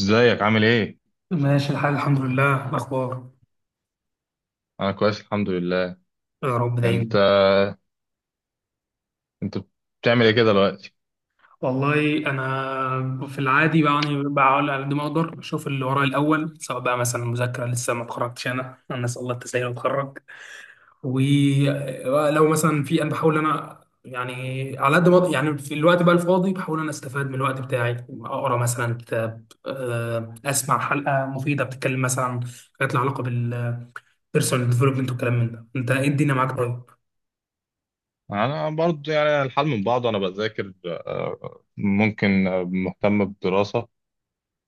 ازيك عامل ايه؟ ماشي الحال الحمد لله. إيه الأخبار؟ انا كويس الحمد لله. يا رب انت دايما. انت بتعمل ايه كده دلوقتي؟ والله أنا في العادي يعني بحاول على قد ما أقدر أشوف اللي ورايا الأول، سواء بقى مثلا مذاكرة. لسه ما اتخرجتش، أنا أسأل الله التسهيل وأتخرج. ولو مثلا في أنا بحاول أنا يعني على قد ما يعني في الوقت بقى الفاضي بحاول أنا أستفاد من الوقت بتاعي، أقرأ مثلا كتاب، أسمع حلقة مفيدة بتتكلم مثلا عن حاجات لها علاقة بالبيرسونال ديفلوبمنت والكلام من ده. أنت إيه الدنيا معاك طيب؟ انا برضه يعني الحال من بعضه، انا بذاكر، ممكن، مهتم بالدراسة.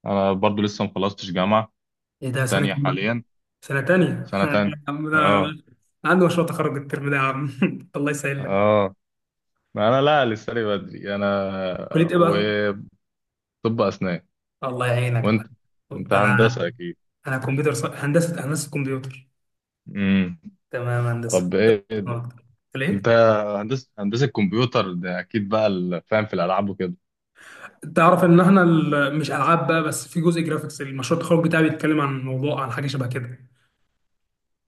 انا برضه لسه مخلصتش جامعة إيه ده، سنة؟ تانية حاليا، سنة تانية سنة تانية. يا عم ده اه. عنده مشروع تخرج الترم ده يا عم الله يسهل لك. اه. انا لا، لسه لي بدري انا. كلية ايه بقى؟ وطب، اسنان. الله يعينك يا وانت معلم. انت انا هندسة اكيد. انا كمبيوتر هندسة كمبيوتر. امم. تمام هندسة. طب ايه؟ آه. انت ليه؟ هندسة، هندسة كمبيوتر ده اكيد بقى فاهم في الالعاب وكده. تعرف ان احنا مش العاب بقى بس، في جزء جرافيكس. المشروع التخرج بتاعي بيتكلم عن موضوع عن حاجه شبه كده.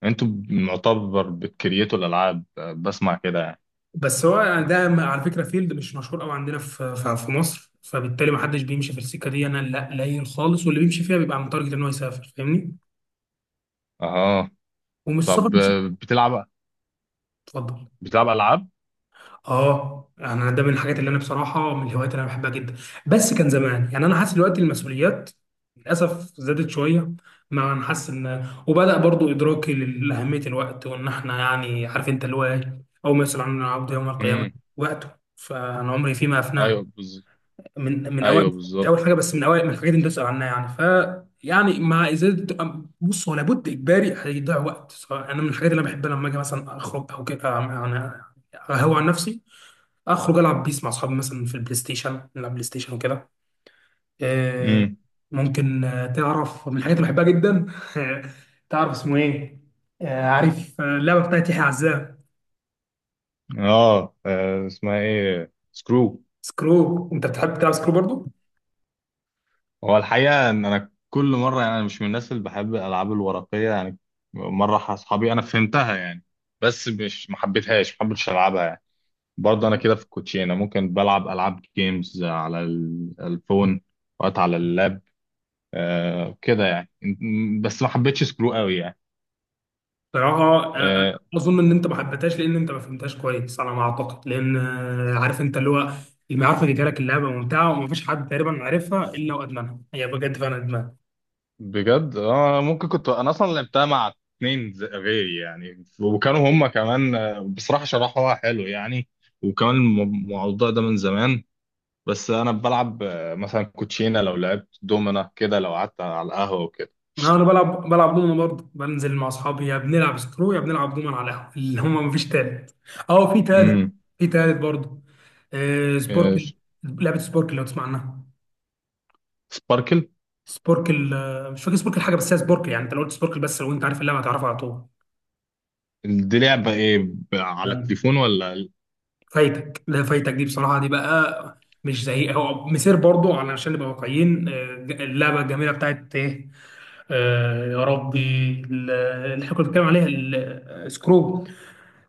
انتوا معتبر بتكريتوا الالعاب، بسمع كده يعني. بس هو يعني على فكره فيلد مش مشهور قوي عندنا في في مصر، فبالتالي ما حدش بيمشي في السكه دي، انا لا قليل خالص، واللي بيمشي فيها بيبقى متارجت ان هو يسافر، فاهمني؟ اها. ومش سفر طب، بس. بتلعب اتفضل. بتلعب العاب. اه يعني انا ده من الحاجات اللي انا بصراحه من الهوايات اللي انا بحبها جدا. بس كان زمان. يعني انا حاسس دلوقتي المسؤوليات للاسف زادت شويه. مع ان حاسس ان وبدا برضو ادراكي لاهميه الوقت، وان احنا يعني عارف انت اللي هو ايه اول ما يسال عن العبد يوم القيامه؟ امم. وقته. فانا عمري فيما افناه، ايوه بالظبط. من اوائل، ايوه مش اول بالظبط. حاجه بس من اوائل من الحاجات اللي انت تسال عنها يعني. ف يعني مع ازاله. بص هو لابد اجباري هيضيع وقت، سواء انا من الحاجات اللي انا بحبها لما اجي مثلا اخرج او كده يعني. هو عن نفسي اخرج العب بيس مع اصحابي، مثلا في البلاي ستيشن نلعب بلاي ستيشن وكده. آه، امم. ممكن تعرف من الحاجات اللي بحبها جدا تعرف اسمه ايه؟ عارف اللعبه بتاعت يحيى عزام؟ اه، اسمها ايه سكرو؟ سكرو. انت بتحب تلعب سكرو برضو؟ هو الحقيقه ان انا كل مره يعني انا مش من الناس اللي بحب الالعاب الورقيه يعني. مره اصحابي انا فهمتها يعني. بس مش، ما حبيتهاش، ما حبيتش العبها يعني. برضه انا كده في الكوتشينه، ممكن بلعب العاب جيمز على الفون، وقت على اللاب. آه كده يعني، بس ما حبيتش سكرو قوي يعني. صراحه آه. اظن ان انت ما حبيتهاش لان انت ما فهمتهاش كويس على ما اعتقد. لان عارف انت اللي هو، اللي ما يعرف يجي لك اللعبه ممتعه ومفيش حد تقريبا عارفها الا وادمنها، هي بجد فعلا ادمان. بجد. اه، ممكن كنت انا اصلا لعبتها مع اتنين غيري يعني، وكانوا هما كمان، بصراحة شرحوها حلو يعني. وكمان الموضوع ده من زمان. بس انا بلعب، مثلا كوتشينة، لو لعبت دومنا كده لو قعدت على القهوة وكده. انا بلعب دومنا برضه، بنزل مع اصحابي يا بنلعب سكرو يا بنلعب دومنا على القهوه، اللي هم مفيش تالت. اه في تالت، امم. في تالت برضه. آه سبوركل، لعبه سبوركل لو تسمع عنها. سباركل. سبوركل، مش فاكر سبوركل حاجه بس هي سبوركل يعني انت لو قلت سبوركل بس، لو انت عارف اللعبه هتعرفها على طول. دي لعبة ايه؟ على تمام. التليفون ولا؟ فايتك، لا فايتك دي بصراحه دي بقى مش زي، هو مسير برضه علشان نبقى واقعيين، اللعبه الجميله بتاعت ايه، آه يا ربي، اللي احنا كنا بنتكلم عليها سكرو.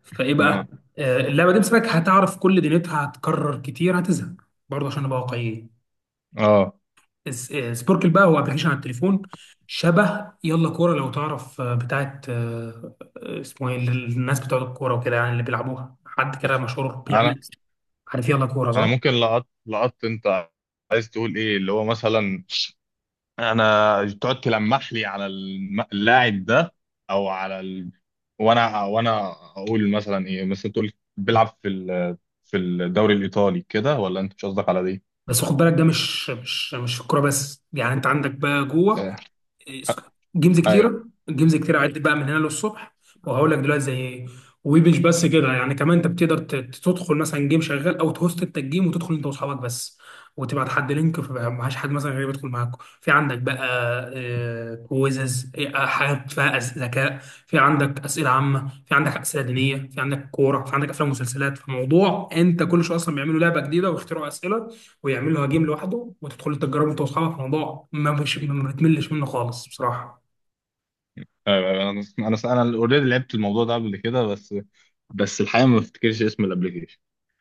فايه بقى. اه، آه اللعبه دي مسكك، هتعرف كل دنيتها، هتكرر كتير هتزهق برضه عشان نبقى واقعيين. اه. سبوركل بقى هو ابلكيشن على التليفون، شبه يلا كوره لو تعرف، بتاعت اسمه ايه اللي الناس بتوع الكوره وكده يعني اللي بيلعبوها حد كده مشهور انا بيعمل. عارف يلا كوره انا صح؟ ممكن لقطت انت عايز تقول ايه اللي هو مثلا. انا تقعد تلمح لي على اللاعب ده، او على وانا اقول مثلا ايه، مثلا تقول بيلعب في في الدوري الايطالي كده، ولا انت مش قصدك على دي؟ بس خد بالك ده مش في الكوره بس، يعني انت عندك بقى جوه آه، جيمز ايوه، كتيره، جيمز كتيره عدت بقى من هنا للصبح، وهقول لك دلوقتي زي ايه. ومش بس كده يعني، كمان انت بتقدر تدخل مثلا جيم شغال، او تهوست انت الجيم وتدخل انت واصحابك بس، وتبعت حد لينك فبقى معهاش حد مثلا غير يدخل معاكم. في عندك بقى كويزز، إيه، آه، حاجات فيها ذكاء، في عندك اسئله عامه، في عندك اسئله دينيه، في عندك كوره، في عندك افلام ومسلسلات. فموضوع انت كل شويه اصلا بيعملوا لعبه جديده ويخترعوا اسئله ويعمل له جيم لوحده وتدخل تجربه انت واصحابك، موضوع ما مش ما بتملش منه خالص بصراحه. ايوه، أيوة. انا اوريدي لعبت الموضوع ده قبل كده بس. بس الحقيقه ما بفتكرش اسم الابلكيشن.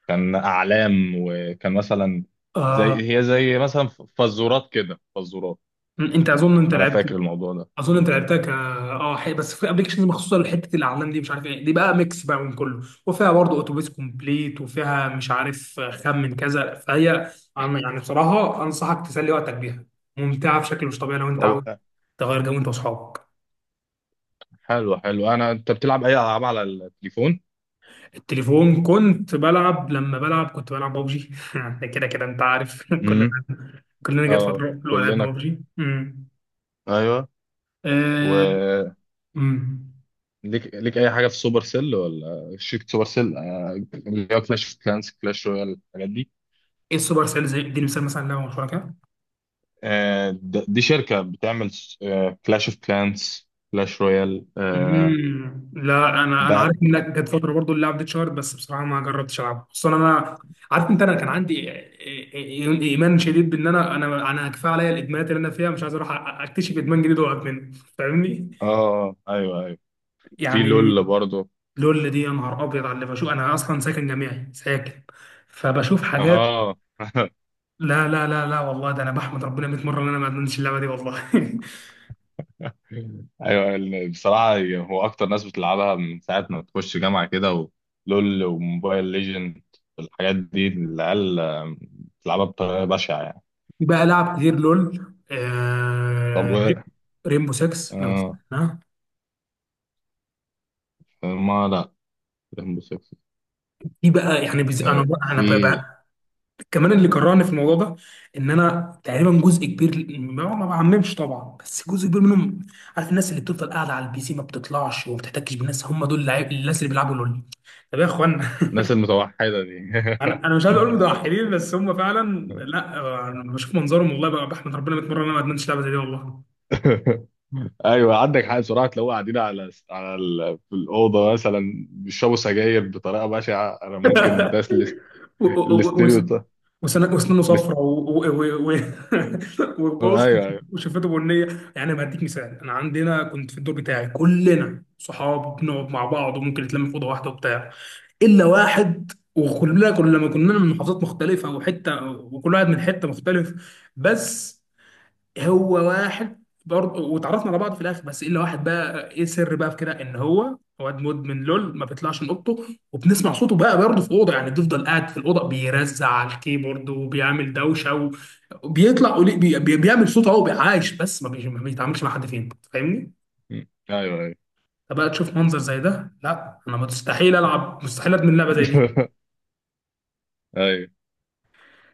كان اعلام، وكان مثلا آه زي مثلا، فزورات كده فزورات. انت اظن انت انا لعبت، فاكر الموضوع ده. اظن انت لعبتها ك اه بس في ابلكيشنز مخصوصه لحته الاعلام دي مش عارف ايه، دي بقى ميكس بقى من كله وفيها برضه اتوبيس كومبليت وفيها مش عارف خمن كذا، فهي أنا يعني بصراحه انصحك تسلي وقتك بيها، ممتعه بشكل مش طبيعي لو انت عاوز طب، تغير جو انت واصحابك. حلو حلو. انت بتلعب اي العاب على التليفون؟ التليفون كنت بلعب، لما بلعب كنت بلعب ببجي كده كده انت عارف كلنا، كلنا جت اه. فتره اللي هو لعبنا كلنا كنا- ببجي. ايوه. آه، وليك امم. ليك اي حاجه في سوبر سيل، ولا شركه سوبر سيل يعني؟ اللي هو كلاش اوف كلانس، كلاش رويال، الحاجات دي. ايه السوبر سيل؟ زي اديني مثال مثلا لعبه مشهوره كده. دي شركة بتعمل كلاش اوف كلانس، كلاش رويال، امم، لا انا انا ده. عارف انك جت فتره برضو اللعب دي اتشهرت، بس بصراحه ما جربتش العبها خصوصا انا عارف انت، انا كان عندي ايمان شديد بان انا انا كفايه عليا الادمانات اللي انا فيها، مش عايز اروح اكتشف ادمان جديد واقعد منه، فاهمني؟ اه، ايوه، ايوه. في يعني لول برضه. لول دي يا نهار ابيض على اللي بشوف، انا اصلا ساكن جامعي ساكن، فبشوف حاجات. اه. لا والله ده انا بحمد ربنا 100 مره ان انا ما ادمنتش اللعبه دي والله ايوه. بصراحة هو اكتر ناس بتلعبها من ساعة ما تخش جامعة كده، ولول، وموبايل ليجند، الحاجات دي العيال، بتلعبها بطريقة بشعة يعني. في بقى لعب كتير لول. طب. آه... ريمبو 6 لو آه تسمعها. ما لا، رهن بالشخص. في بقى يعني انا بقى انا بقى في بقى كمان اللي كرهني في الموضوع ده ان انا تقريبا جزء كبير، ما بعممش طبعا بس جزء كبير منهم، عارف الناس اللي بتفضل قاعده على البي سي ما بتطلعش وما بتحتكش بالناس، هم دول اللعيب، الناس اللي بيلعبوا لول. طب يا اخوانا، الناس المتوحدة دي. انا مش عايز اقول متوحدين، بس هم فعلا لا انا بشوف منظرهم والله بقى بحمد ربنا 100 مره ان انا ما ادمنتش اللعبه زي دي والله ايوه، عندك حق بصراحه. لو قاعدين على في الاوضه مثلا بيشربوا سجاير بطريقه بشعه، انا ممكن ده و- و- و- الاستيريو وسن- وسنانه الاست... صفرا وبص ايوه، ايوه. وشفته بنيه. يعني ما اديك مثال، انا عندنا كنت في الدور بتاعي كلنا صحاب، بنقعد مع بعض وممكن نتلم في اوضه واحده وبتاع، الا واحد، وكلنا كل لما كنا من محافظات مختلفه وحته وكل واحد من حته مختلف، بس هو واحد برضه. واتعرفنا على بعض في الاخر، بس الا واحد بقى ايه السر بقى في كده، ان هو واد مدمن لول، ما بيطلعش من اوضته. وبنسمع صوته بقى برضه في اوضه، يعني بيفضل قاعد في الاوضه بيرزع على الكيبورد وبيعمل دوشه، وبيطلع بيعمل صوت اهو عايش، بس ما بيتعاملش مع حد فين، فاهمني؟ م. ايوه، ايوه. فبقى تشوف منظر زي ده، لا انا مستحيل العب، مستحيل ادمن لعبه زي دي. ايوه.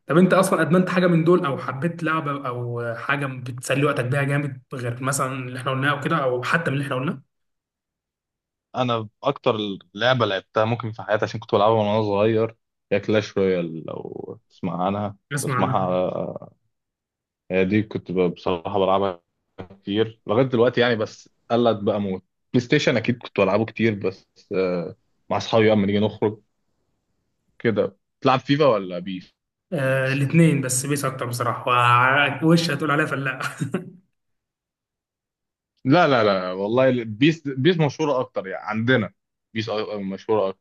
طب انت اصلا ادمنت حاجه من دول او حبيت لعبه او حاجه بتسلي وقتك بيها جامد، غير مثلا اللي احنا قلناه او كده، او حتى من اللي احنا قلناه؟ انا اكتر لعبه لعبتها ممكن في حياتي عشان كنت بلعبها وانا صغير، هي كلاش رويال، لو تسمع عنها اسمع عنها. تسمعها. هي دي كنت بصراحة بلعبها كتير لغاية دلوقتي يعني، بس قلت بقى موت. بلاي ستيشن أكيد كنت بلعبه كتير، بس، مع أصحابي أما نيجي نخرج كده. تلعب فيفا ولا بيس؟ آه الاثنين، بس بيس اكتر بصراحه. وش هتقول عليها فلا؟ لا، لا، لا والله. بيس، بيس مشهورة أكتر يعني عندنا. بيس مشهورة أكتر.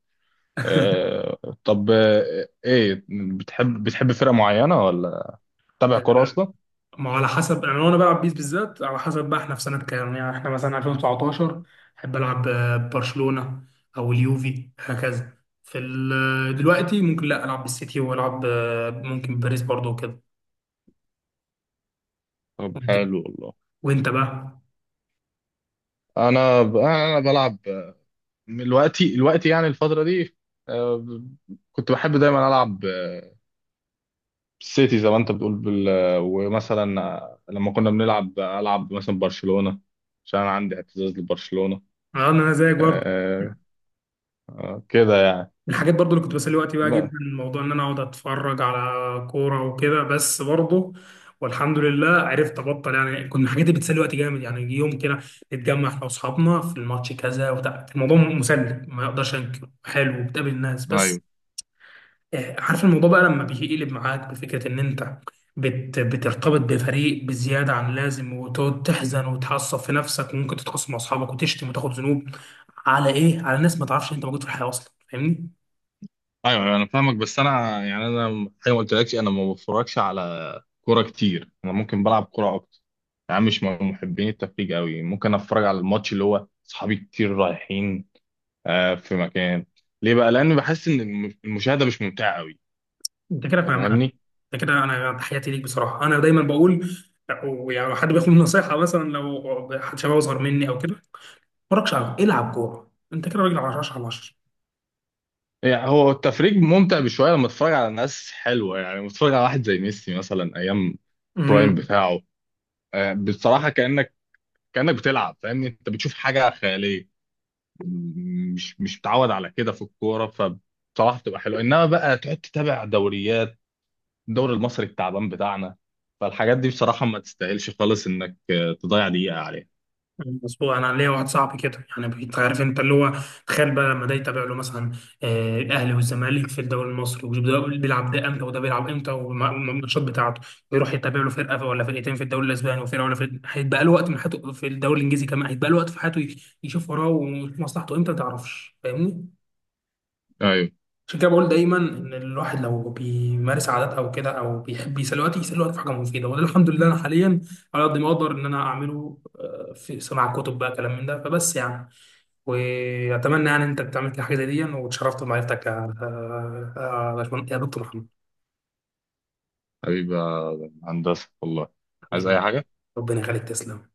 آه، طب، إيه؟ بتحب فرقة معينة ولا تتابع آه، كورة أصلا؟ ما هو على حسب، انا وانا بلعب بيس بالذات على حسب بقى احنا في سنه كام، يعني احنا مثلا 2019 احب العب برشلونه او اليوفي هكذا. في دلوقتي ممكن لا العب بالسيتي والعب ممكن باريس برضو وكده. طب وانت، حلو والله. وإنت بقى؟ أنا أنا بلعب، دلوقتي يعني الفترة دي، آه، ب- كنت بحب دايما ألعب، سيتي زي ما انت بتقول ومثلا لما كنا بنلعب العب مثلا برشلونة، عشان انا عندي اعتزاز لبرشلونة. انا زيك برضو. آه... كده يعني من الحاجات برضو اللي كنت بسلي وقتي بقى جدا، ما... الموضوع ان انا اقعد اتفرج على كوره وكده، بس برضو والحمد لله عرفت ابطل. يعني كنت من الحاجات اللي بتسلي وقتي جامد، يعني يجي يوم كده نتجمع احنا واصحابنا في الماتش كذا وبتاع، الموضوع مسلي ما اقدرش انكر، حلو وبتقابل الناس. ايوه، بس عارف الموضوع بقى لما بيقلب معاك بفكره ان انت بترتبط بفريق بزياده عن اللازم وتقعد تحزن وتعصب في نفسك، وممكن تتخاصم مع اصحابك وتشتم وتاخد ذنوب على ايه، على ناس ما تعرفش إن انت موجود في الحياه اصلا، فاهمني؟ ايوه، انا فاهمك، بس انا يعني انا زي ما قلت لكش انا ما بتفرجش على كوره كتير. انا ممكن بلعب كوره اكتر. يعني مش من محبين التفريج قوي، ممكن اتفرج على الماتش اللي هو صحابي كتير رايحين في مكان. ليه بقى؟ لان بحس ان المشاهده مش ممتعه قوي. انت كده انت فاهمها، فاهمني. انت كده انا تحياتي ليك بصراحه. انا دايما بقول يعني حد بياخد مني نصيحه مثلا، لو حد شباب اصغر مني او كده، ما تتفرجش على العب كوره، انت كده راجل على 10 على يعني هو التفريج ممتع بشويه لما تتفرج على ناس حلوه، يعني لما تتفرج على واحد زي ميسي مثلا ايام 10. برايم بتاعه، بصراحه كانك، كانك بتلعب، فاهمني؟ انت بتشوف حاجه خياليه، مش متعود على كده في الكوره، فبصراحه بتبقى حلوه. انما بقى تقعد تتابع دوريات الدوري المصري التعبان بتاعنا، فالحاجات دي بصراحه ما تستاهلش خالص انك، تضيع دقيقه عليها. مظبوط. انا ليا واحد صاحبي كده، يعني انت عارف انت اللي هو، تخيل بقى لما ده يتابع له مثلا الاهلي والزمالك في الدوري المصري، وده بيلعب ده امتى وده بيلعب امتى والماتشات بتاعته، ويروح يتابع له فرقه ولا فرقتين في الدوري الاسباني، وفرقه ولا فرقه هيتبقى له وقت من حياته في الدوري الانجليزي كمان هيتبقى له وقت في حياته، يشوف وراه ومصلحته امتى، ما تعرفش، فاهمني؟ ايوه. عشان كده بقول دايما ان الواحد لو بيمارس عادات او كده، او بيحب يسلي وقت، يسلي وقت في حاجه مفيده. وده الحمد لله انا حاليا على قد ما اقدر ان انا اعمله في سماع كتب بقى كلام من ده، فبس يعني واتمنى يعني انت بتعمل كده حاجه زي دي. واتشرفت بمعرفتك يا يا يا دكتور محمد. حبيبي يا هندسه والله. عايز حبيبي. اي حاجه. ربنا يخليك، تسلم.